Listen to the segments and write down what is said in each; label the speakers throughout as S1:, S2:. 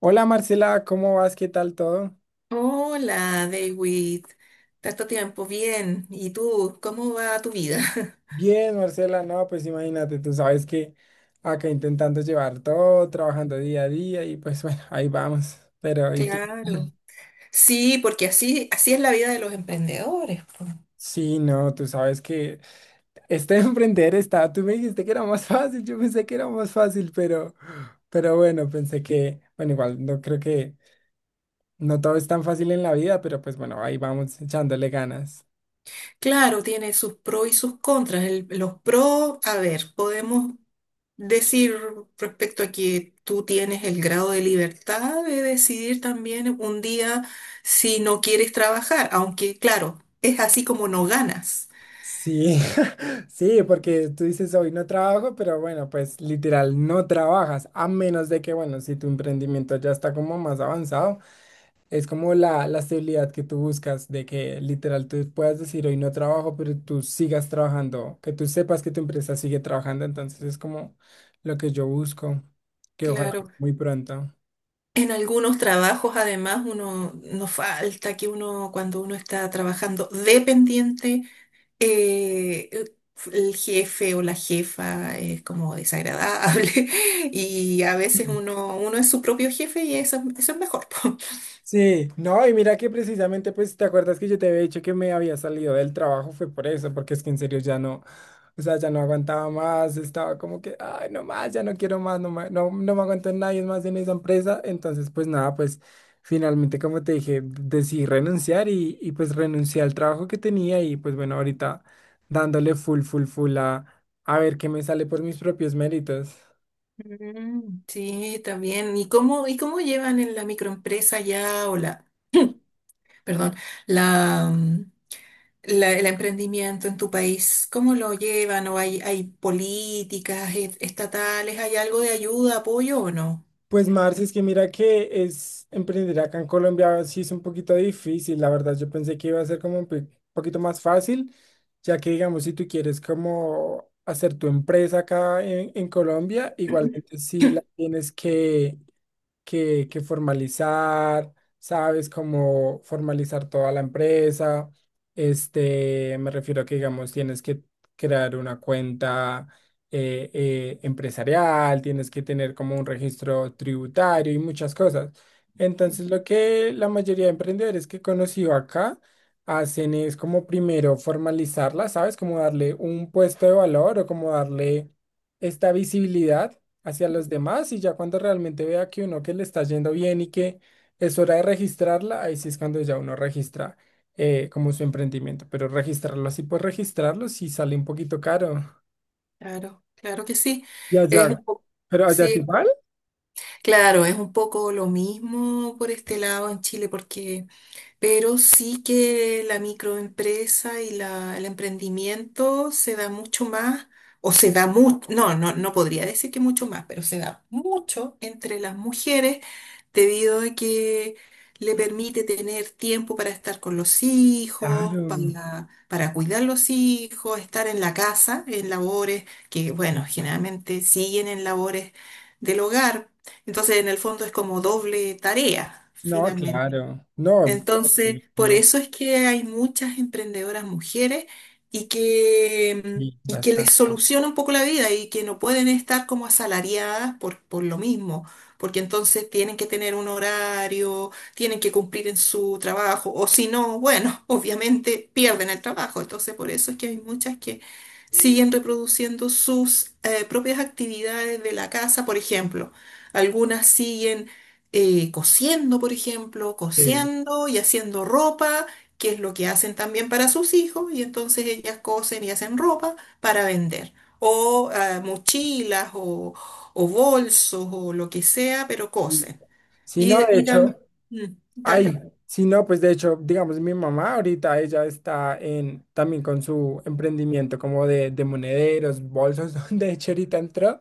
S1: Hola Marcela, ¿cómo vas? ¿Qué tal todo?
S2: Hola, David. Tanto tiempo, bien. ¿Y tú? ¿Cómo va tu vida?
S1: Bien, Marcela, no, pues imagínate, tú sabes que acá intentando llevar todo, trabajando día a día y pues bueno, ahí vamos. Pero, ¿y tú?
S2: Claro. Sí, porque así, así es la vida de los emprendedores. Po.
S1: Sí, no, tú sabes que este emprender está, tú me dijiste que era más fácil, yo pensé que era más fácil, pero bueno, pensé que, bueno, igual no creo que no todo es tan fácil en la vida, pero pues bueno, ahí vamos echándole ganas.
S2: Claro, tiene sus pros y sus contras. Los pros, a ver, podemos decir respecto a que tú tienes el grado de libertad de decidir también un día si no quieres trabajar, aunque claro, es así como no ganas.
S1: Sí, sí, porque tú dices hoy no trabajo, pero bueno, pues literal no trabajas, a menos de que, bueno, si tu emprendimiento ya está como más avanzado, es como la estabilidad que tú buscas, de que literal tú puedas decir hoy no trabajo, pero tú sigas trabajando, que tú sepas que tu empresa sigue trabajando, entonces es como lo que yo busco, que ojalá
S2: Claro.
S1: muy pronto.
S2: En algunos trabajos, además, uno nos falta que uno, cuando uno está trabajando dependiente, eh, el jefe o la jefa es como desagradable y a veces uno es su propio jefe y eso es mejor. Po.
S1: Sí, no, y mira que precisamente, pues, ¿te acuerdas que yo te había dicho que me había salido del trabajo? Fue por eso, porque es que en serio ya no, o sea, ya no aguantaba más, estaba como que, ay, no más, ya no quiero más, no, no no me aguanto en nadie más en esa empresa. Entonces, pues nada, pues finalmente, como te dije, decidí renunciar y pues renuncié al trabajo que tenía y pues bueno, ahorita dándole full, full, full a ver qué me sale por mis propios méritos.
S2: Mm. Sí, también. ¿Y cómo llevan en la microempresa ya o perdón, la, mm, el emprendimiento en tu país. ¿Cómo lo llevan? ¿O hay políticas estatales? ¿Hay algo de ayuda, apoyo o no?
S1: Pues Marce, es que mira que es emprender acá en Colombia sí es un poquito difícil, la verdad. Yo pensé que iba a ser como un poquito más fácil, ya que digamos si tú quieres como hacer tu empresa acá en Colombia, igualmente sí la tienes que formalizar, ¿sabes? Como formalizar toda la empresa. Este, me refiero a que, digamos, tienes que crear una cuenta empresarial, tienes que tener como un registro tributario y muchas cosas. Entonces, lo que la mayoría de emprendedores que he conocido acá hacen es como primero formalizarla, ¿sabes? Como darle un puesto de valor o como darle esta visibilidad hacia los demás y ya cuando realmente vea que uno que le está yendo bien y que es hora de registrarla, ahí sí es cuando ya uno registra como su emprendimiento, pero registrarlo así por registrarlo sí sale un poquito caro.
S2: Claro, claro que sí.
S1: Y
S2: Es
S1: allá,
S2: un poco,
S1: pero allá es
S2: sí,
S1: igual,
S2: claro, es un poco lo mismo por este lado en Chile, porque, pero sí que la microempresa y el emprendimiento se da mucho más, o se da mucho, no, no, no podría decir que mucho más, pero se da mucho entre las mujeres debido a que le permite tener tiempo para estar con los hijos,
S1: claro.
S2: para cuidar los hijos, estar en la casa, en labores que, bueno, generalmente siguen en labores del hogar. Entonces, en el fondo es como doble tarea,
S1: No, claro. No,
S2: entonces, por
S1: no,
S2: eso es que hay muchas emprendedoras mujeres y que,
S1: sí,
S2: y que
S1: basta-
S2: les soluciona un poco la vida y que no pueden estar como asalariadas por lo mismo, porque entonces tienen que tener un horario, tienen que cumplir en su trabajo, o si no, bueno, obviamente pierden el trabajo. Entonces, por eso es que hay muchas que siguen reproduciendo sus propias actividades de la casa, por ejemplo. Algunas siguen cosiendo, por ejemplo,
S1: Sí.
S2: cosiendo y haciendo ropa, que es lo que hacen también para sus hijos, y entonces ellas cosen y hacen ropa para vender, o mochilas, o- o bolsos o lo que sea, pero cosen.
S1: Sí,
S2: Y,
S1: no, de
S2: y
S1: hecho,
S2: dan-
S1: ay,
S2: Dale.
S1: sí, no, pues de hecho, digamos, mi mamá ahorita ella está en también con su emprendimiento como de monederos, bolsos, donde de hecho ahorita entró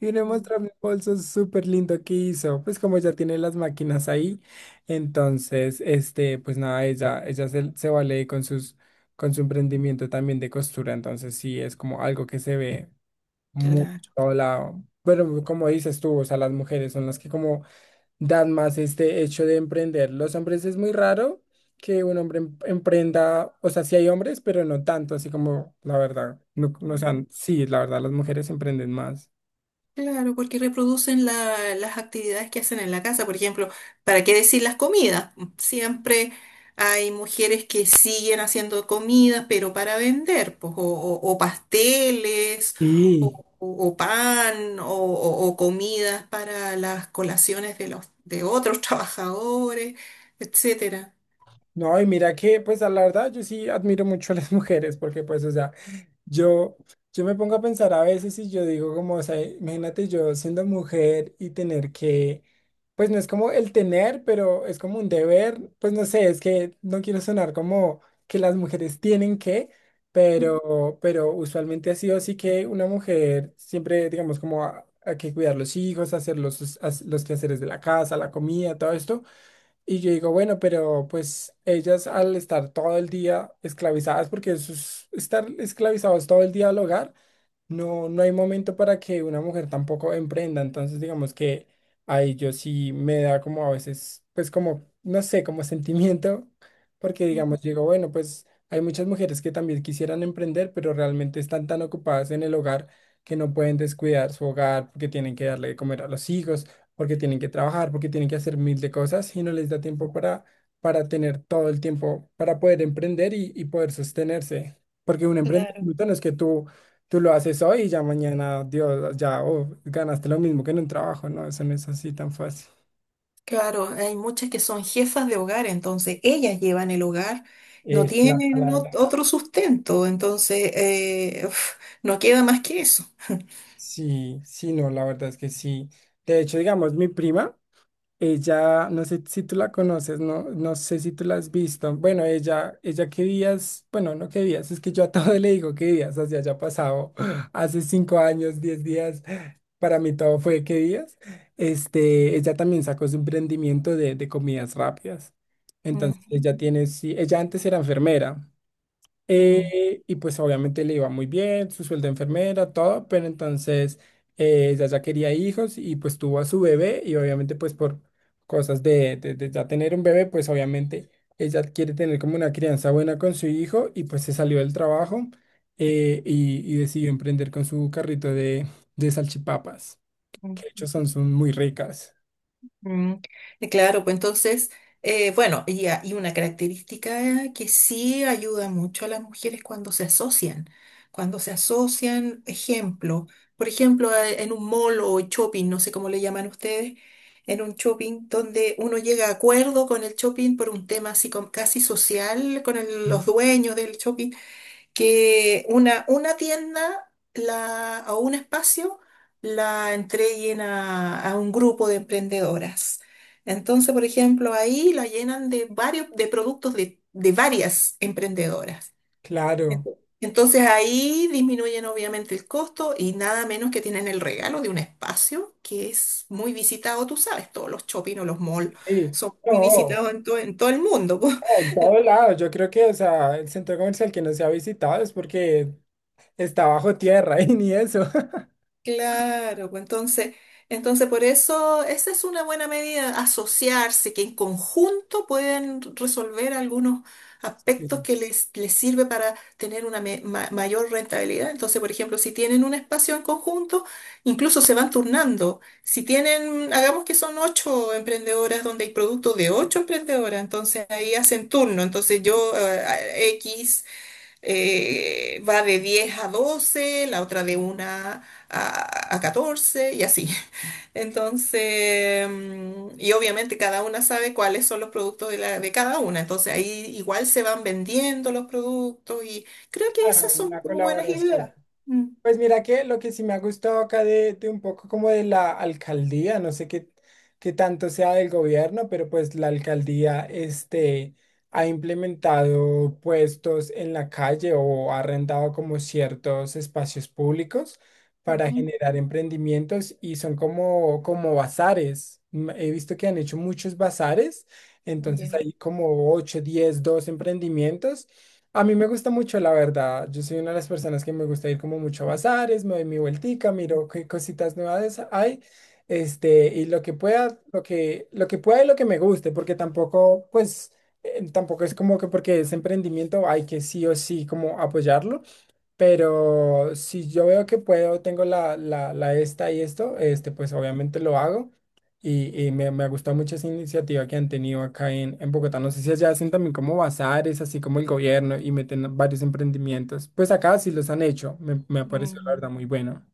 S1: y le
S2: Mm.
S1: mostró mi bolso súper lindo que hizo, pues como ya tiene las máquinas ahí, entonces, este, pues nada, ella se, se vale con sus, con su emprendimiento también de costura, entonces sí, es como algo que se ve muy por
S2: Claro.
S1: todo lado, pero como dices tú, o sea, las mujeres son las que como dan más este hecho de emprender. Los hombres es muy raro que un hombre emprenda, o sea, sí hay hombres, pero no tanto, así como la verdad, no, no, o sea, sí, la verdad, las mujeres emprenden más.
S2: Claro, porque reproducen las actividades que hacen en la casa. Por ejemplo, ¿para qué decir las comidas? Siempre hay mujeres que siguen haciendo comidas, pero para vender, pues, o pasteles,
S1: Y
S2: o pan, o comidas para las colaciones de los, de otros trabajadores, etcétera.
S1: no, y mira que, pues, a la verdad, yo sí admiro mucho a las mujeres, porque, pues, o sea, Yo, yo me pongo a pensar a veces y yo digo como, o sea, imagínate yo siendo mujer y tener que, pues no es como el tener, pero es como un deber, pues no sé, es que no quiero sonar como que las mujeres tienen que,
S2: Mm,
S1: pero usualmente ha sido así que una mujer siempre, digamos, como hay que cuidar los hijos, hacer los, los quehaceres de la casa, la comida, todo esto. Y yo digo, bueno, pero pues ellas al estar todo el día esclavizadas, porque eso es estar esclavizados todo el día al hogar, no, no hay momento para que una mujer tampoco emprenda, entonces digamos que ahí yo sí me da como a veces, pues como, no sé, como sentimiento, porque
S2: mm.
S1: digamos, digo, bueno, pues hay muchas mujeres que también quisieran emprender, pero realmente están tan ocupadas en el hogar que no pueden descuidar su hogar, porque tienen que darle de comer a los hijos, porque tienen que trabajar, porque tienen que hacer mil de cosas y no les da tiempo para tener todo el tiempo para poder emprender y poder sostenerse, porque un
S2: Claro.
S1: emprendimiento no es que tú tú lo haces hoy y ya mañana, Dios, ya oh, ganaste lo mismo que en un trabajo, ¿no? Eso no es así tan fácil.
S2: Claro, hay muchas que son jefas de hogar, entonces ellas llevan el hogar, no
S1: Es la
S2: tienen
S1: palabra.
S2: otro sustento, entonces uf, no queda más que eso.
S1: Sí, sí, no, la verdad es que sí. De hecho, digamos, mi prima. Ella, no sé si tú la conoces, no, no sé si tú la has visto. Bueno, ella que días, bueno, no que días, es que yo a todo le digo que días, o sea, ya ha pasado hace 5 años, 10 días, para mí todo fue que días. Este, ella también sacó su emprendimiento de comidas rápidas.
S2: Ujú.
S1: Entonces, ella tiene, sí, ella antes era enfermera, y pues obviamente le iba muy bien, su sueldo de enfermera, todo, pero entonces ella ya quería hijos y pues tuvo a su bebé y obviamente pues por cosas de, de ya tener un bebé, pues obviamente ella quiere tener como una crianza buena con su hijo y pues se salió del trabajo y decidió emprender con su carrito de salchipapas, que de
S2: Mm.
S1: hecho son, son muy ricas.
S2: Mm, claro, pues entonces, bueno, y una característica que sí ayuda mucho a las mujeres cuando se asocian, cuando se asocian, ejemplo, por ejemplo, en un mall o shopping, no sé cómo le llaman ustedes, en un shopping donde uno llega a acuerdo con el shopping por un tema así como casi social, con
S1: Mm.
S2: los dueños del shopping, que una tienda la, o un espacio la entreguen a un grupo de emprendedoras. Entonces, por ejemplo, ahí la llenan de productos de varias emprendedoras.
S1: Claro.
S2: Entonces ahí disminuyen obviamente el costo y nada menos que tienen el regalo de un espacio que es muy visitado, tú sabes, todos los shopping o los malls
S1: Sí.
S2: son muy
S1: No.
S2: visitados en, en todo el mundo.
S1: En todo lado, yo creo que, o sea, el centro comercial que no se ha visitado es porque está bajo tierra y ni eso.
S2: Claro, pues entonces, por eso esa es una buena medida, asociarse, que en conjunto pueden resolver algunos
S1: Sí,
S2: aspectos que les sirve para tener una mayor rentabilidad. Entonces, por ejemplo, si tienen un espacio en conjunto, incluso se van turnando. Si tienen, hagamos que son ocho emprendedoras donde hay productos de ocho emprendedoras, entonces ahí hacen turno. Entonces yo, X va de 10 a 12, la otra de 1 a 14 y así. Entonces, mm, y obviamente cada una sabe cuáles son los productos de cada una, entonces ahí igual se van vendiendo los productos y creo que
S1: claro,
S2: esas
S1: una
S2: son como buenas
S1: colaboración.
S2: ideas. Mm.
S1: Pues mira que lo que sí me ha gustado acá de un poco como de la alcaldía, no sé qué, qué tanto sea del gobierno, pero pues la alcaldía este, ha implementado puestos en la calle o ha arrendado como ciertos espacios públicos para
S2: Ujú.
S1: generar emprendimientos y son como, como bazares. Mm, he visto que han hecho muchos bazares, entonces
S2: Ya.
S1: hay como 8, 10, 2 emprendimientos a mí me gusta mucho, la verdad. Yo soy una de las personas que me gusta ir como mucho a bazares, me doy mi vueltica, miro qué cositas nuevas hay, este, y lo que pueda y lo que me guste, porque tampoco, pues, tampoco es como que porque es emprendimiento hay que sí o sí como apoyarlo. Pero si yo veo que puedo, tengo la, la, la esta y esto, este, pues obviamente lo hago. Y me, me ha gustado mucho esa iniciativa que han tenido acá en Bogotá. No sé si allá hacen también como bazares, así como el gobierno, y meten varios emprendimientos. Pues acá sí los han hecho. Me ha parecido la
S2: Mm.
S1: verdad muy bueno.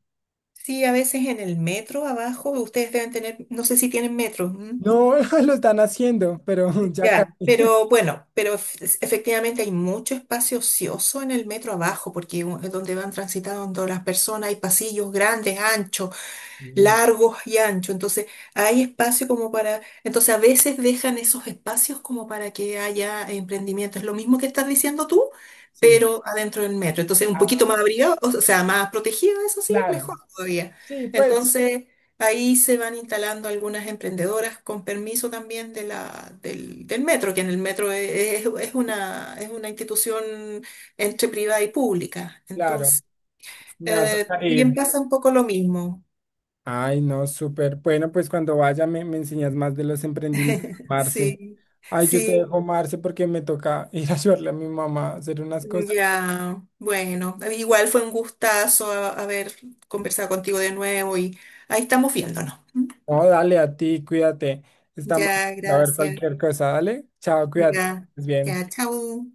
S2: Sí, a veces en el metro abajo, ustedes deben tener, no sé si tienen metro.
S1: No, lo están haciendo, pero ya casi.
S2: Ya, pero bueno, pero efectivamente hay mucho espacio ocioso en el metro abajo, porque es donde van transitando las personas, hay pasillos grandes, anchos,
S1: Sí.
S2: largos y anchos, entonces hay espacio como para, entonces a veces dejan esos espacios como para que haya emprendimiento, es lo mismo que estás diciendo tú,
S1: Sí.
S2: pero adentro del metro, entonces un poquito
S1: Ah,
S2: más abrigado, o sea, más protegido, eso sí,
S1: claro.
S2: mejor todavía.
S1: Sí, pues,
S2: Entonces ahí se van instalando algunas emprendedoras con permiso también del metro, que en el metro es una institución entre privada y pública,
S1: claro.
S2: entonces
S1: Me va a tocar
S2: también
S1: ir.
S2: pasa un poco lo mismo.
S1: Ay, no, súper. Bueno, pues cuando vaya me, me enseñas más de los emprendimientos, Marce.
S2: Sí,
S1: Ay, yo te
S2: sí,
S1: dejo, Marce, porque me toca ir a ayudarle a mi mamá a hacer unas cosas.
S2: ya. Bueno, igual fue un gustazo haber conversado contigo de nuevo y ahí estamos viéndonos. ¿M?
S1: No, dale a ti, cuídate. Estamos
S2: Ya,
S1: a ver
S2: gracias.
S1: cualquier cosa, dale. Chao, cuídate. Que
S2: Ya,
S1: estés bien.
S2: ya, chao.